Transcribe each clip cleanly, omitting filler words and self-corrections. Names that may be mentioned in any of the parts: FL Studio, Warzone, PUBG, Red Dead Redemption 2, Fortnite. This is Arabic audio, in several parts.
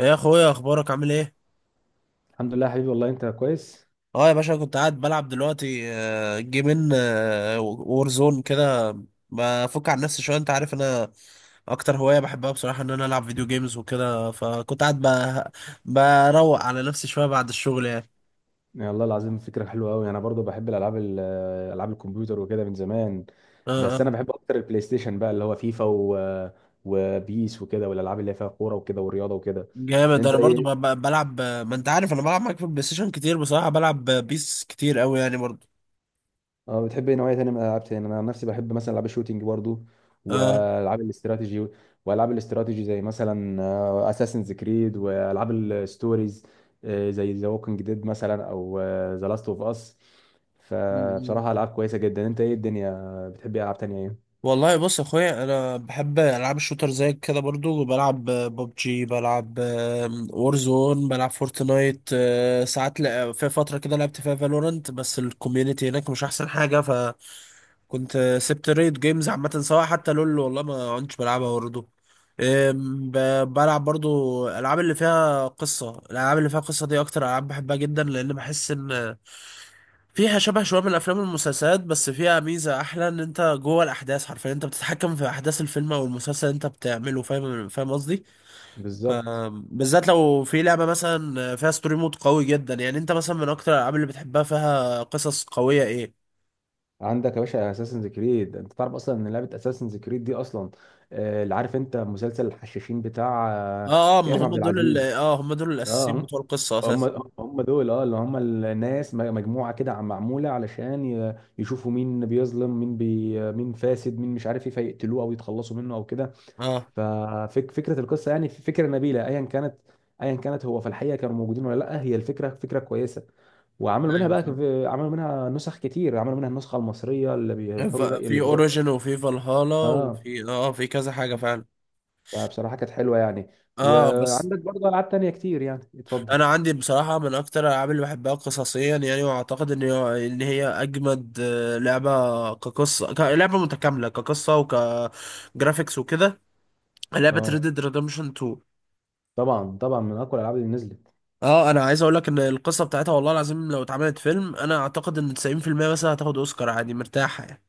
إيه يا اخويا، اخبارك؟ عامل ايه؟ الحمد لله يا حبيبي، والله انت كويس. اه يا باشا، كنت قاعد بلعب دلوقتي جيمين وورزون كده. بفك عن نفسي شويه، انت عارف انا اكتر هوايه بحبها بصراحه ان انا العب فيديو جيمز وكده، فكنت قاعد بروق على نفسي شويه بعد الشغل يعني. يا الله العظيم، فكرة حلوة قوي. انا برضو بحب الالعاب العاب الكمبيوتر وكده من زمان. اه، بس اه. انا بحب اكتر البلاي ستيشن بقى اللي هو فيفا وبيس وكده، والالعاب اللي هي فيها كورة وكده والرياضة وكده. جامد. انت انا برضو ايه؟ بلعب، ما انت عارف انا بلعب معاك في البلاي ستيشن كتير، بصراحه بلعب بيس كتير قوي يعني برضو. اه، بتحب ايه نوعيه تانية من الالعاب تاني؟ انا عن نفسي بحب مثلا العاب الشوتينج برضو اه. والعاب الاستراتيجي. والعاب الاستراتيجي زي مثلا اساسنز كريد والعاب الستوريز، زي ذا ووكينج ديد مثلا او ذا لاست اوف اس. فبصراحه العاب كويسه جدا. انت ايه الدنيا، بتحب ايه العاب تانية ايه؟ والله بص يا اخويا، انا بحب العاب الشوتر زيك كده برضو، بلعب ببجي، بلعب وورزون، بلعب فورتنايت ساعات في فتره كده لعبت فيها فالورنت، بس الكوميونتي هناك مش احسن حاجه. كنت سبت ريد جيمز عامة، سواء حتى لول والله ما كنتش بلعبها برضه. بلعب برضو الألعاب اللي فيها قصة، الألعاب اللي فيها قصة دي أكتر ألعاب بحبها جدا، لأن بحس إن فيها شبه شوية من الأفلام والمسلسلات، بس فيها ميزة أحلى، إن أنت جوه الأحداث، حرفيا أنت بتتحكم في أحداث الفيلم أو المسلسل اللي أنت بتعمله. فاهم، فاهم قصدي؟ ف- بالظبط. بالذات لو في لعبة مثلا فيها ستوري مود قوي جدا، يعني أنت مثلا من أكتر الألعاب اللي بتحبها فيها قصص قوية إيه؟ عندك يا باشا اساسنز كريد. انت تعرف اصلا ان لعبه اساسنز كريد دي اصلا، اللي عارف انت مسلسل الحشاشين بتاع آه، اه، اه، ما كريم هم عبد دول ال... العزيز؟ اه هم دول اه، الاساسيين بتوع القصه هم. اساسا. هم دول، اه، اللي هم الناس، مجموعه كده معموله علشان يشوفوا مين بيظلم مين، بي مين فاسد مين، مش عارف ايه، فيقتلوه او يتخلصوا منه او كده. اه، ففكره القصه يعني فكره نبيله ايا كانت. ايا كانت هو في الحقيقه كانوا موجودين ولا لا، هي الفكره فكره كويسه. وعملوا منها ايوه، بقى فاهم. عملوا منها نسخ كتير، عملوا منها النسخه المصريه اللي بيروحوا رأي اللي في بيروح. اوريجين وفي فالهالا اه، وفي في كذا حاجه فعلا. فبصراحه كانت حلوه يعني. اه، بس. وعندك برضه العاب تانيه كتير يعني، اتفضل. انا عندي بصراحه من اكتر الالعاب اللي بحبها قصصيا يعني، واعتقد ان ان هي اجمد لعبه كقصه، لعبه متكامله كقصه وكجرافيكس وكده، لعبه اه Red Dead Redemption 2. طبعا، طبعا من اقوى الالعاب اللي نزلت. اه. انا عايز اقول لك ان القصه بتاعتها، والله العظيم لو اتعملت فيلم انا اعتقد ان 90% مثلا هتاخد اوسكار عادي مرتاحه يعني.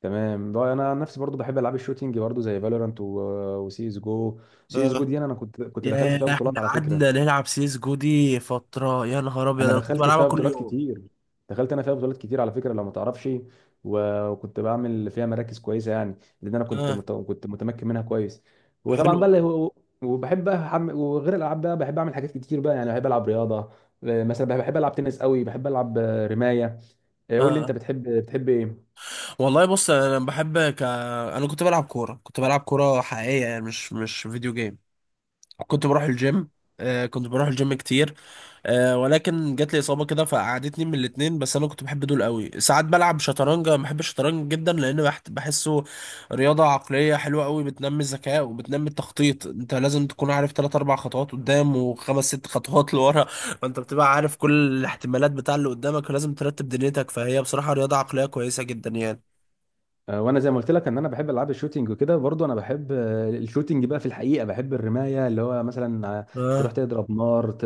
تمام بقى. انا عن نفسي برضو بحب العاب الشوتينج برضو زي فالورانت وسي اس جو. سي اس جو اه، دي انا أنا كنت كنت دخلت فيها يا بطولات احنا على فكره. قعدنا نلعب سيس جو دي فترة، يا نهار ابيض انا انا كنت دخلت بلعبها فيها كل بطولات يوم. كتير. دخلت انا فيها بطولات كتير على فكره لو ما تعرفش. وكنت بعمل فيها مراكز كويسه يعني، لان انا اه، كنت متمكن منها كويس. وطبعا حلو، بقى اللي هو، وبحب بقى وغير الالعاب بقى بحب اعمل حاجات كتير بقى، يعني بحب العب رياضه. مثلا بحب العب تنس قوي، بحب العب رمايه. اه، قول لي انت، آه. بتحب ايه؟ والله بص، انا بحب انا كنت بلعب كورة، كنت بلعب كورة حقيقية يعني، مش فيديو جيم. كنت بروح الجيم. كنت بروح الجيم كتير. ولكن جات لي اصابه كده فقعدتني من الاتنين، بس انا كنت بحب دول قوي. ساعات بلعب شطرنج، أنا بحب الشطرنج جدا لان بحسه رياضه عقليه حلوه قوي، بتنمي الذكاء وبتنمي التخطيط، انت لازم تكون عارف تلات اربع خطوات قدام وخمس ست خطوات لورا. فانت بتبقى عارف كل الاحتمالات بتاع اللي قدامك، ولازم ترتب دنيتك، فهي بصراحه رياضه عقليه كويسه جدا يعني. وانا زي ما قلت لك ان انا بحب العاب الشوتينج وكده. برضو انا بحب الشوتينج بقى. في الحقيقه بحب الرمايه، اللي هو مثلا تروح اه، تضرب نار ت-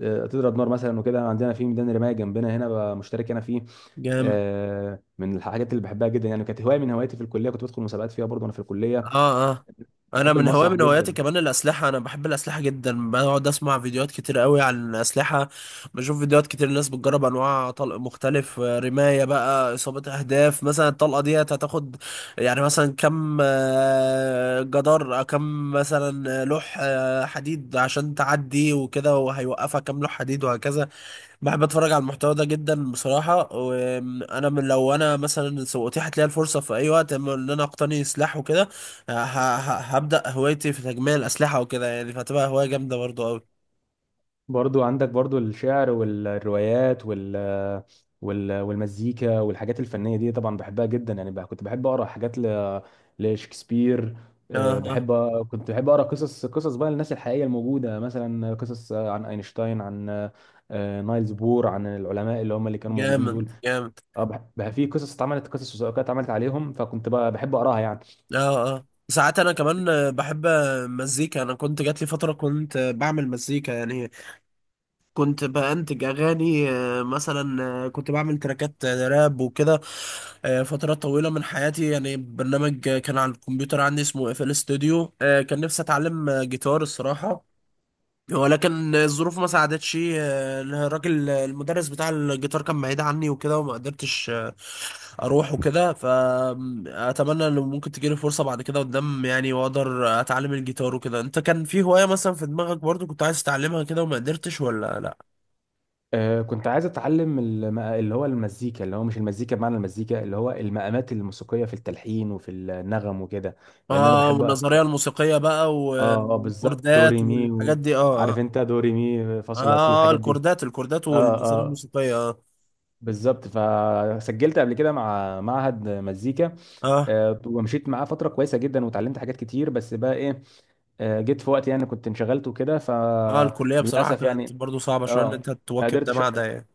آه، تضرب نار مثلا وكده. عندنا في ميدان رمايه جنبنا هنا بقى، مشترك انا فيه. جامد، من الحاجات اللي بحبها جدا يعني، كانت هوايه من هواياتي في الكليه، كنت بدخل مسابقات فيها برضو وانا في الكليه. اه، اه. انا بحب المسرح من هواياتي جدا. كمان الاسلحه، انا بحب الاسلحه جدا، بقعد اسمع فيديوهات كتير قوي عن الاسلحه. بشوف فيديوهات كتير، الناس بتجرب انواع طلق مختلف، رمايه بقى، اصابه اهداف مثلا، الطلقه دي هتاخد يعني مثلا كم جدار، كم مثلا لوح حديد عشان تعدي وكده، وهيوقفها كم لوح حديد وهكذا. بحب اتفرج على المحتوى ده جدا بصراحه، وانا من لو انا مثلا سوقتي هتلاقي الفرصه في اي وقت اما ان انا اقتني سلاح وكده، هبدا هوايتي في تجميع الاسلحه وكده يعني، فهتبقى هوايه جامده برضو قوي. برضو عندك برضو الشعر والروايات والمزيكا والحاجات الفنية دي، طبعا بحبها جدا يعني. بقى كنت بحب أقرأ حاجات لشكسبير. اه، اه، بحب، كنت بحب أقرأ قصص، قصص بقى الناس الحقيقية الموجودة، مثلا قصص عن أينشتاين، عن نايلز بور، عن العلماء اللي هم اللي كانوا موجودين جامد دول. جامد، في قصص اتعملت، قصص وثائقية اتعملت عليهم، فكنت بقى بحب أقرأها يعني. اه، اه. ساعات انا كمان بحب مزيكا، انا كنت جات لي فتره كنت بعمل مزيكا يعني، كنت بأنتج أغاني مثلا، كنت بعمل تراكات راب وكده فترات طويلة من حياتي يعني. برنامج كان على الكمبيوتر عندي اسمه اف ال ستوديو، كان نفسي أتعلم جيتار الصراحة، ولكن الظروف ما ساعدتش، الراجل، المدرس بتاع الجيتار كان بعيد عني وكده، وما قدرتش أروح وكده، فأتمنى إن ممكن تجيلي فرصة بعد كده قدام يعني، وأقدر أتعلم الجيتار وكده. أنت كان في هواية مثلا في دماغك برضو كنت عايز تتعلمها كده وما قدرتش ولا لأ؟ كنت عايز اتعلم اللي هو المزيكا، اللي هو مش المزيكا بمعنى المزيكا، اللي هو المقامات الموسيقيه في التلحين وفي النغم وكده. لان انا اه، بحب، اه والنظريه الموسيقيه بقى اه، بالظبط، والكوردات دوري مي والحاجات دي، اه، اه. عارف انت دوري مي فا صول لا سي، اه، الحاجات دي. الكوردات الكوردات اه والنظريه اه الموسيقيه، اه. بالظبط. فسجلت قبل كده مع معهد مزيكا، اه، ومشيت معاه فتره كويسه جدا وتعلمت حاجات كتير. بس بقى ايه، جيت في وقت يعني كنت انشغلت وكده، اه، الكليه بصراحه فللاسف كانت يعني. برضو صعبه شويه ان اه، انت ما تواكب ده قدرتش. مع ده يعني.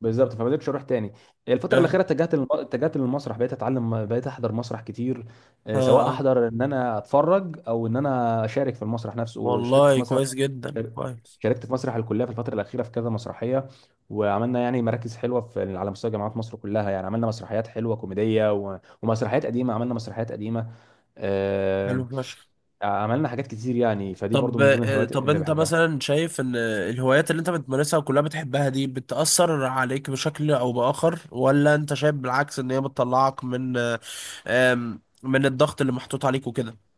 بالظبط، فما قدرتش اروح تاني. الفتره اه، الاخيره اتجهت اتجهت للمسرح، بقيت اتعلم، بقيت احضر مسرح كتير. اه، سواء اه، احضر ان انا اتفرج، او ان انا اشارك في المسرح نفسه. وشاركت والله في مسرح، كويس جدا كويس. شاركت في مسرح الكليه في الفتره الاخيره في كذا مسرحيه، وعملنا يعني مراكز حلوه في على مستوى جامعات مصر كلها يعني. عملنا مسرحيات حلوه كوميديه ومسرحيات قديمه، عملنا مسرحيات قديمه، حلو آه، فشخ. عملنا حاجات كتير يعني. فدي برضو طب، من ضمن الهوايات طب اللي انت بحبها. مثلا شايف ان الهوايات اللي انت بتمارسها وكلها بتحبها دي بتأثر عليك بشكل او بآخر، ولا انت شايف بالعكس ان هي بتطلعك من من الضغط اللي محطوط عليك وكده؟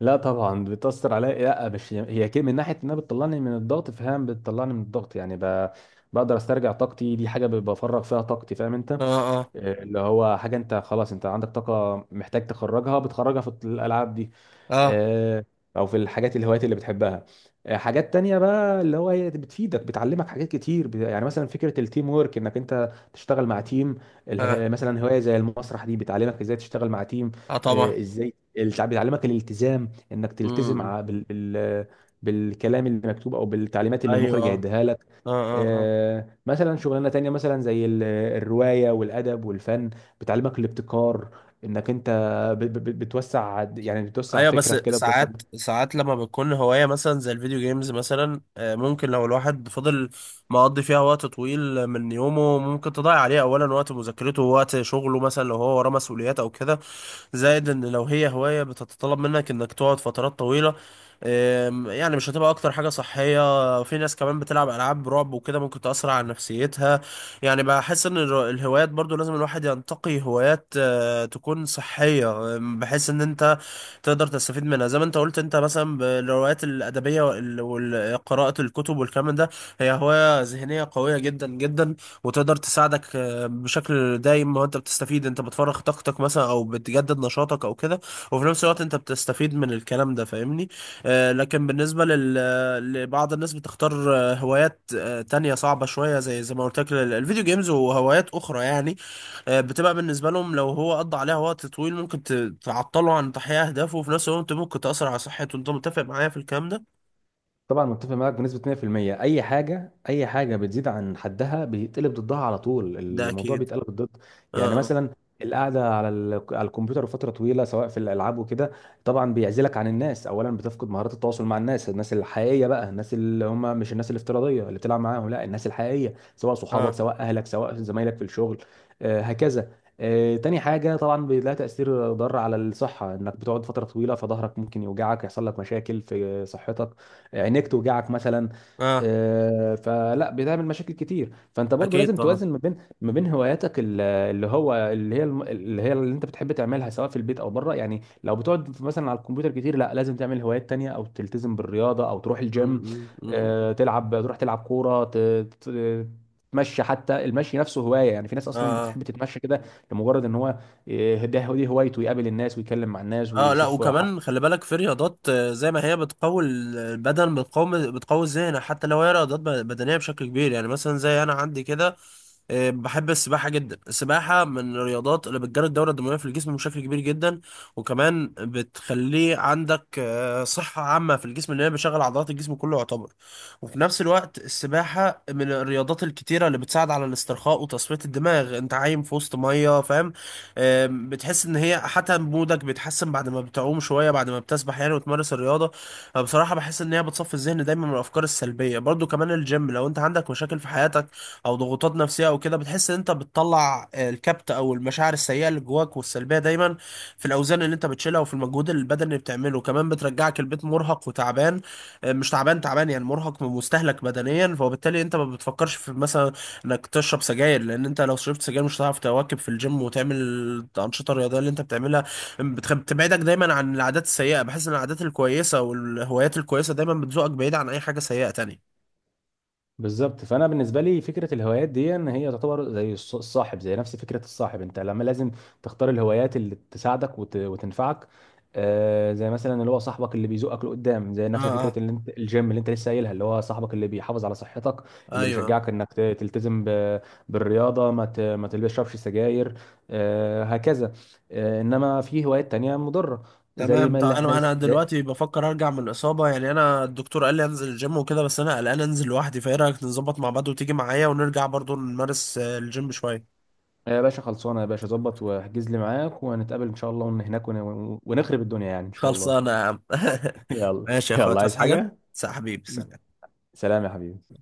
لا طبعا بتأثر عليا. لا مش هي كده، من ناحية انها بتطلعني من الضغط، فاهم، بتطلعني من الضغط يعني، بقدر استرجع طاقتي. دي حاجة بفرغ فيها طاقتي، فاهم انت؟ اه، اه، إيه اللي هو حاجة انت خلاص، انت عندك طاقة محتاج تخرجها، بتخرجها في الألعاب دي، اه، آه، او في الحاجات، الهوايات اللي بتحبها. حاجات تانية بقى اللي هو هي بتفيدك، بتعلمك حاجات كتير، يعني مثلا فكرة التيم وورك، انك انت تشتغل مع تيم. اه، مثلا هواية زي المسرح دي، بتعلمك ازاي تشتغل مع تيم. اه، طبعا، بتعلمك الالتزام، انك تلتزم امم، بالكلام اللي مكتوب او بالتعليمات اللي ايوه، المخرج اه، هيديها لك. اه، اه، مثلا شغلانة تانية مثلا زي الرواية والأدب والفن، بتعلمك الابتكار، انك انت بتوسع، يعني بتوسع ايوه. بس فكرك كده، بتوسع. ساعات ساعات لما بتكون هوايه مثلا زي الفيديو جيمز مثلا، ممكن لو الواحد فضل مقضي فيها وقت طويل من يومه، ممكن تضيع عليه اولا وقت مذاكرته ووقت شغله، مثلا لو هو وراه مسؤوليات او كده، زائد ان لو هي هواية بتتطلب منك انك تقعد فترات طويلة، يعني مش هتبقى اكتر حاجة صحية. في ناس كمان بتلعب العاب رعب وكده ممكن تأثر على نفسيتها. يعني بحس ان الهوايات برضو لازم الواحد ينتقي هوايات تكون صحية، بحيث ان انت تقدر تستفيد منها، زي ما انت قلت، انت مثلا بالروايات الأدبية قراءة الكتب والكلام ده، هي هواية ذهنية قوية جدا جدا، وتقدر تساعدك بشكل دايم، ما هو انت بتستفيد، انت بتفرغ طاقتك مثلا او بتجدد نشاطك او كده، وفي نفس الوقت انت بتستفيد من الكلام ده، فاهمني؟ لكن بالنسبة لبعض الناس بتختار هوايات تانية صعبة شوية، زي ما قلت لك، الفيديو جيمز وهوايات اخرى يعني، بتبقى بالنسبة لهم لو هو قضى عليها وقت طويل، ممكن تعطله عن تحقيق اهدافه، وفي نفس الوقت ممكن تأثر على صحته. انت متفق معايا في الكلام ده؟ طبعا متفق معاك بنسبة 100%. أي حاجة، أي حاجة بتزيد عن حدها بيتقلب ضدها، على طول ده الموضوع اكيد، بيتقلب ضد. يعني اه، مثلا القعدة على على الكمبيوتر لفترة طويلة سواء في الألعاب وكده، طبعا بيعزلك عن الناس أولا، بتفقد مهارات التواصل مع الناس، الناس الحقيقية بقى، الناس اللي هم مش الناس الافتراضية اللي بتلعب معاهم، لا، الناس الحقيقية سواء صحابك، اه، سواء أهلك، سواء زمايلك في الشغل، هكذا. تاني حاجة طبعا بيلاقي تأثير ضار على الصحة، إنك بتقعد فترة طويلة، فظهرك ممكن يوجعك، يحصل لك مشاكل في صحتك، عينيك توجعك مثلا. اه، اه، فلا، بتعمل مشاكل كتير. فانت برضو اكيد لازم طبعا. توازن ما بين، ما بين هواياتك ال- اللي هو اللي هي الم- اللي هي اللي انت بتحب تعملها، سواء في البيت او بره. يعني لو بتقعد مثلا على الكمبيوتر كتير، لا لازم تعمل هوايات تانية، او تلتزم بالرياضة، او تروح م- الجيم، م- م- تلعب، تروح تلعب كورة، ت- تتمشى. حتى المشي نفسه هواية يعني، في ناس اه، اصلا آه. بتحب تتمشى كده، لمجرد ان هو، آه، ده دي هوايته، يقابل الناس ويتكلم مع الناس اه، لا، ويشوف. وكمان خلي بالك في رياضات زي ما هي بتقوي البدن، بتقوي الذهن، حتى لو هي رياضات بدنيه بشكل كبير يعني مثلا زي انا عندي كده، بحب السباحة جدا، السباحة من الرياضات اللي بتجري الدورة الدموية في الجسم بشكل كبير جدا، وكمان بتخليه عندك صحة عامة في الجسم، لأن هي بتشغل عضلات الجسم كله يعتبر. وفي نفس الوقت السباحة من الرياضات الكتيرة اللي بتساعد على الاسترخاء وتصفية الدماغ، انت عايم في وسط مية، فاهم؟ بتحس ان هي حتى مودك بيتحسن بعد ما بتعوم شوية بعد ما بتسبح يعني وتمارس الرياضة. فبصراحة بحس ان هي بتصفي الذهن دايما من الافكار السلبية. برضو كمان الجيم، لو انت عندك مشاكل في حياتك او ضغوطات نفسيه او كده، بتحس ان انت بتطلع الكبت او المشاعر السيئه اللي جواك والسلبيه دايما، في الاوزان اللي انت بتشيلها وفي المجهود البدني اللي بتعمله. كمان بترجعك البيت مرهق وتعبان، مش تعبان تعبان يعني، مرهق ومستهلك بدنيا، فبالتالي انت ما بتفكرش في مثلا انك تشرب سجاير، لان انت لو شربت سجاير مش هتعرف تواكب في الجيم وتعمل الانشطه الرياضيه اللي انت بتعملها. بتبعدك دايما عن العادات السيئه، بحس ان العادات الكويسه والهوايات الكويسه دايما بتزوقك بعيد عن اي حاجه سيئه تانية. بالظبط. فانا بالنسبه لي فكره الهوايات دي ان هي تعتبر زي الصاحب، زي نفس فكره الصاحب. انت لما لازم تختار الهوايات اللي تساعدك وتنفعك، آه، زي مثلا اللي هو صاحبك اللي بيزقك لقدام، زي اه، نفس فكره اه، اللي انت الجيم اللي انت لسه قايلها، اللي هو صاحبك اللي بيحافظ على صحتك، اللي ايوه، بيشجعك انك تلتزم بالرياضه، ما ما تشربش سجاير. آه هكذا. آه، انما في هوايات تانية مضره. زي تمام. ما طب اللي احنا انا لسه. دلوقتي بفكر ارجع من الاصابه يعني، انا الدكتور قال لي انزل الجيم وكده، بس انا قلقان انزل لوحدي، فايه رايك نظبط مع بعض وتيجي معايا ونرجع برضو نمارس الجيم شويه؟ يا باشا خلصانه يا باشا، ظبط واحجز لي معاك وهنتقابل ان شاء الله، هناك ونخرب الدنيا يعني ان شاء الله. خلصانه يا عم. يلا. ماشي يا اخويا، يلا، عايز تصحى حاجه؟ حاجه؟ سلام حبيبي، سلام. سلام يا حبيبي.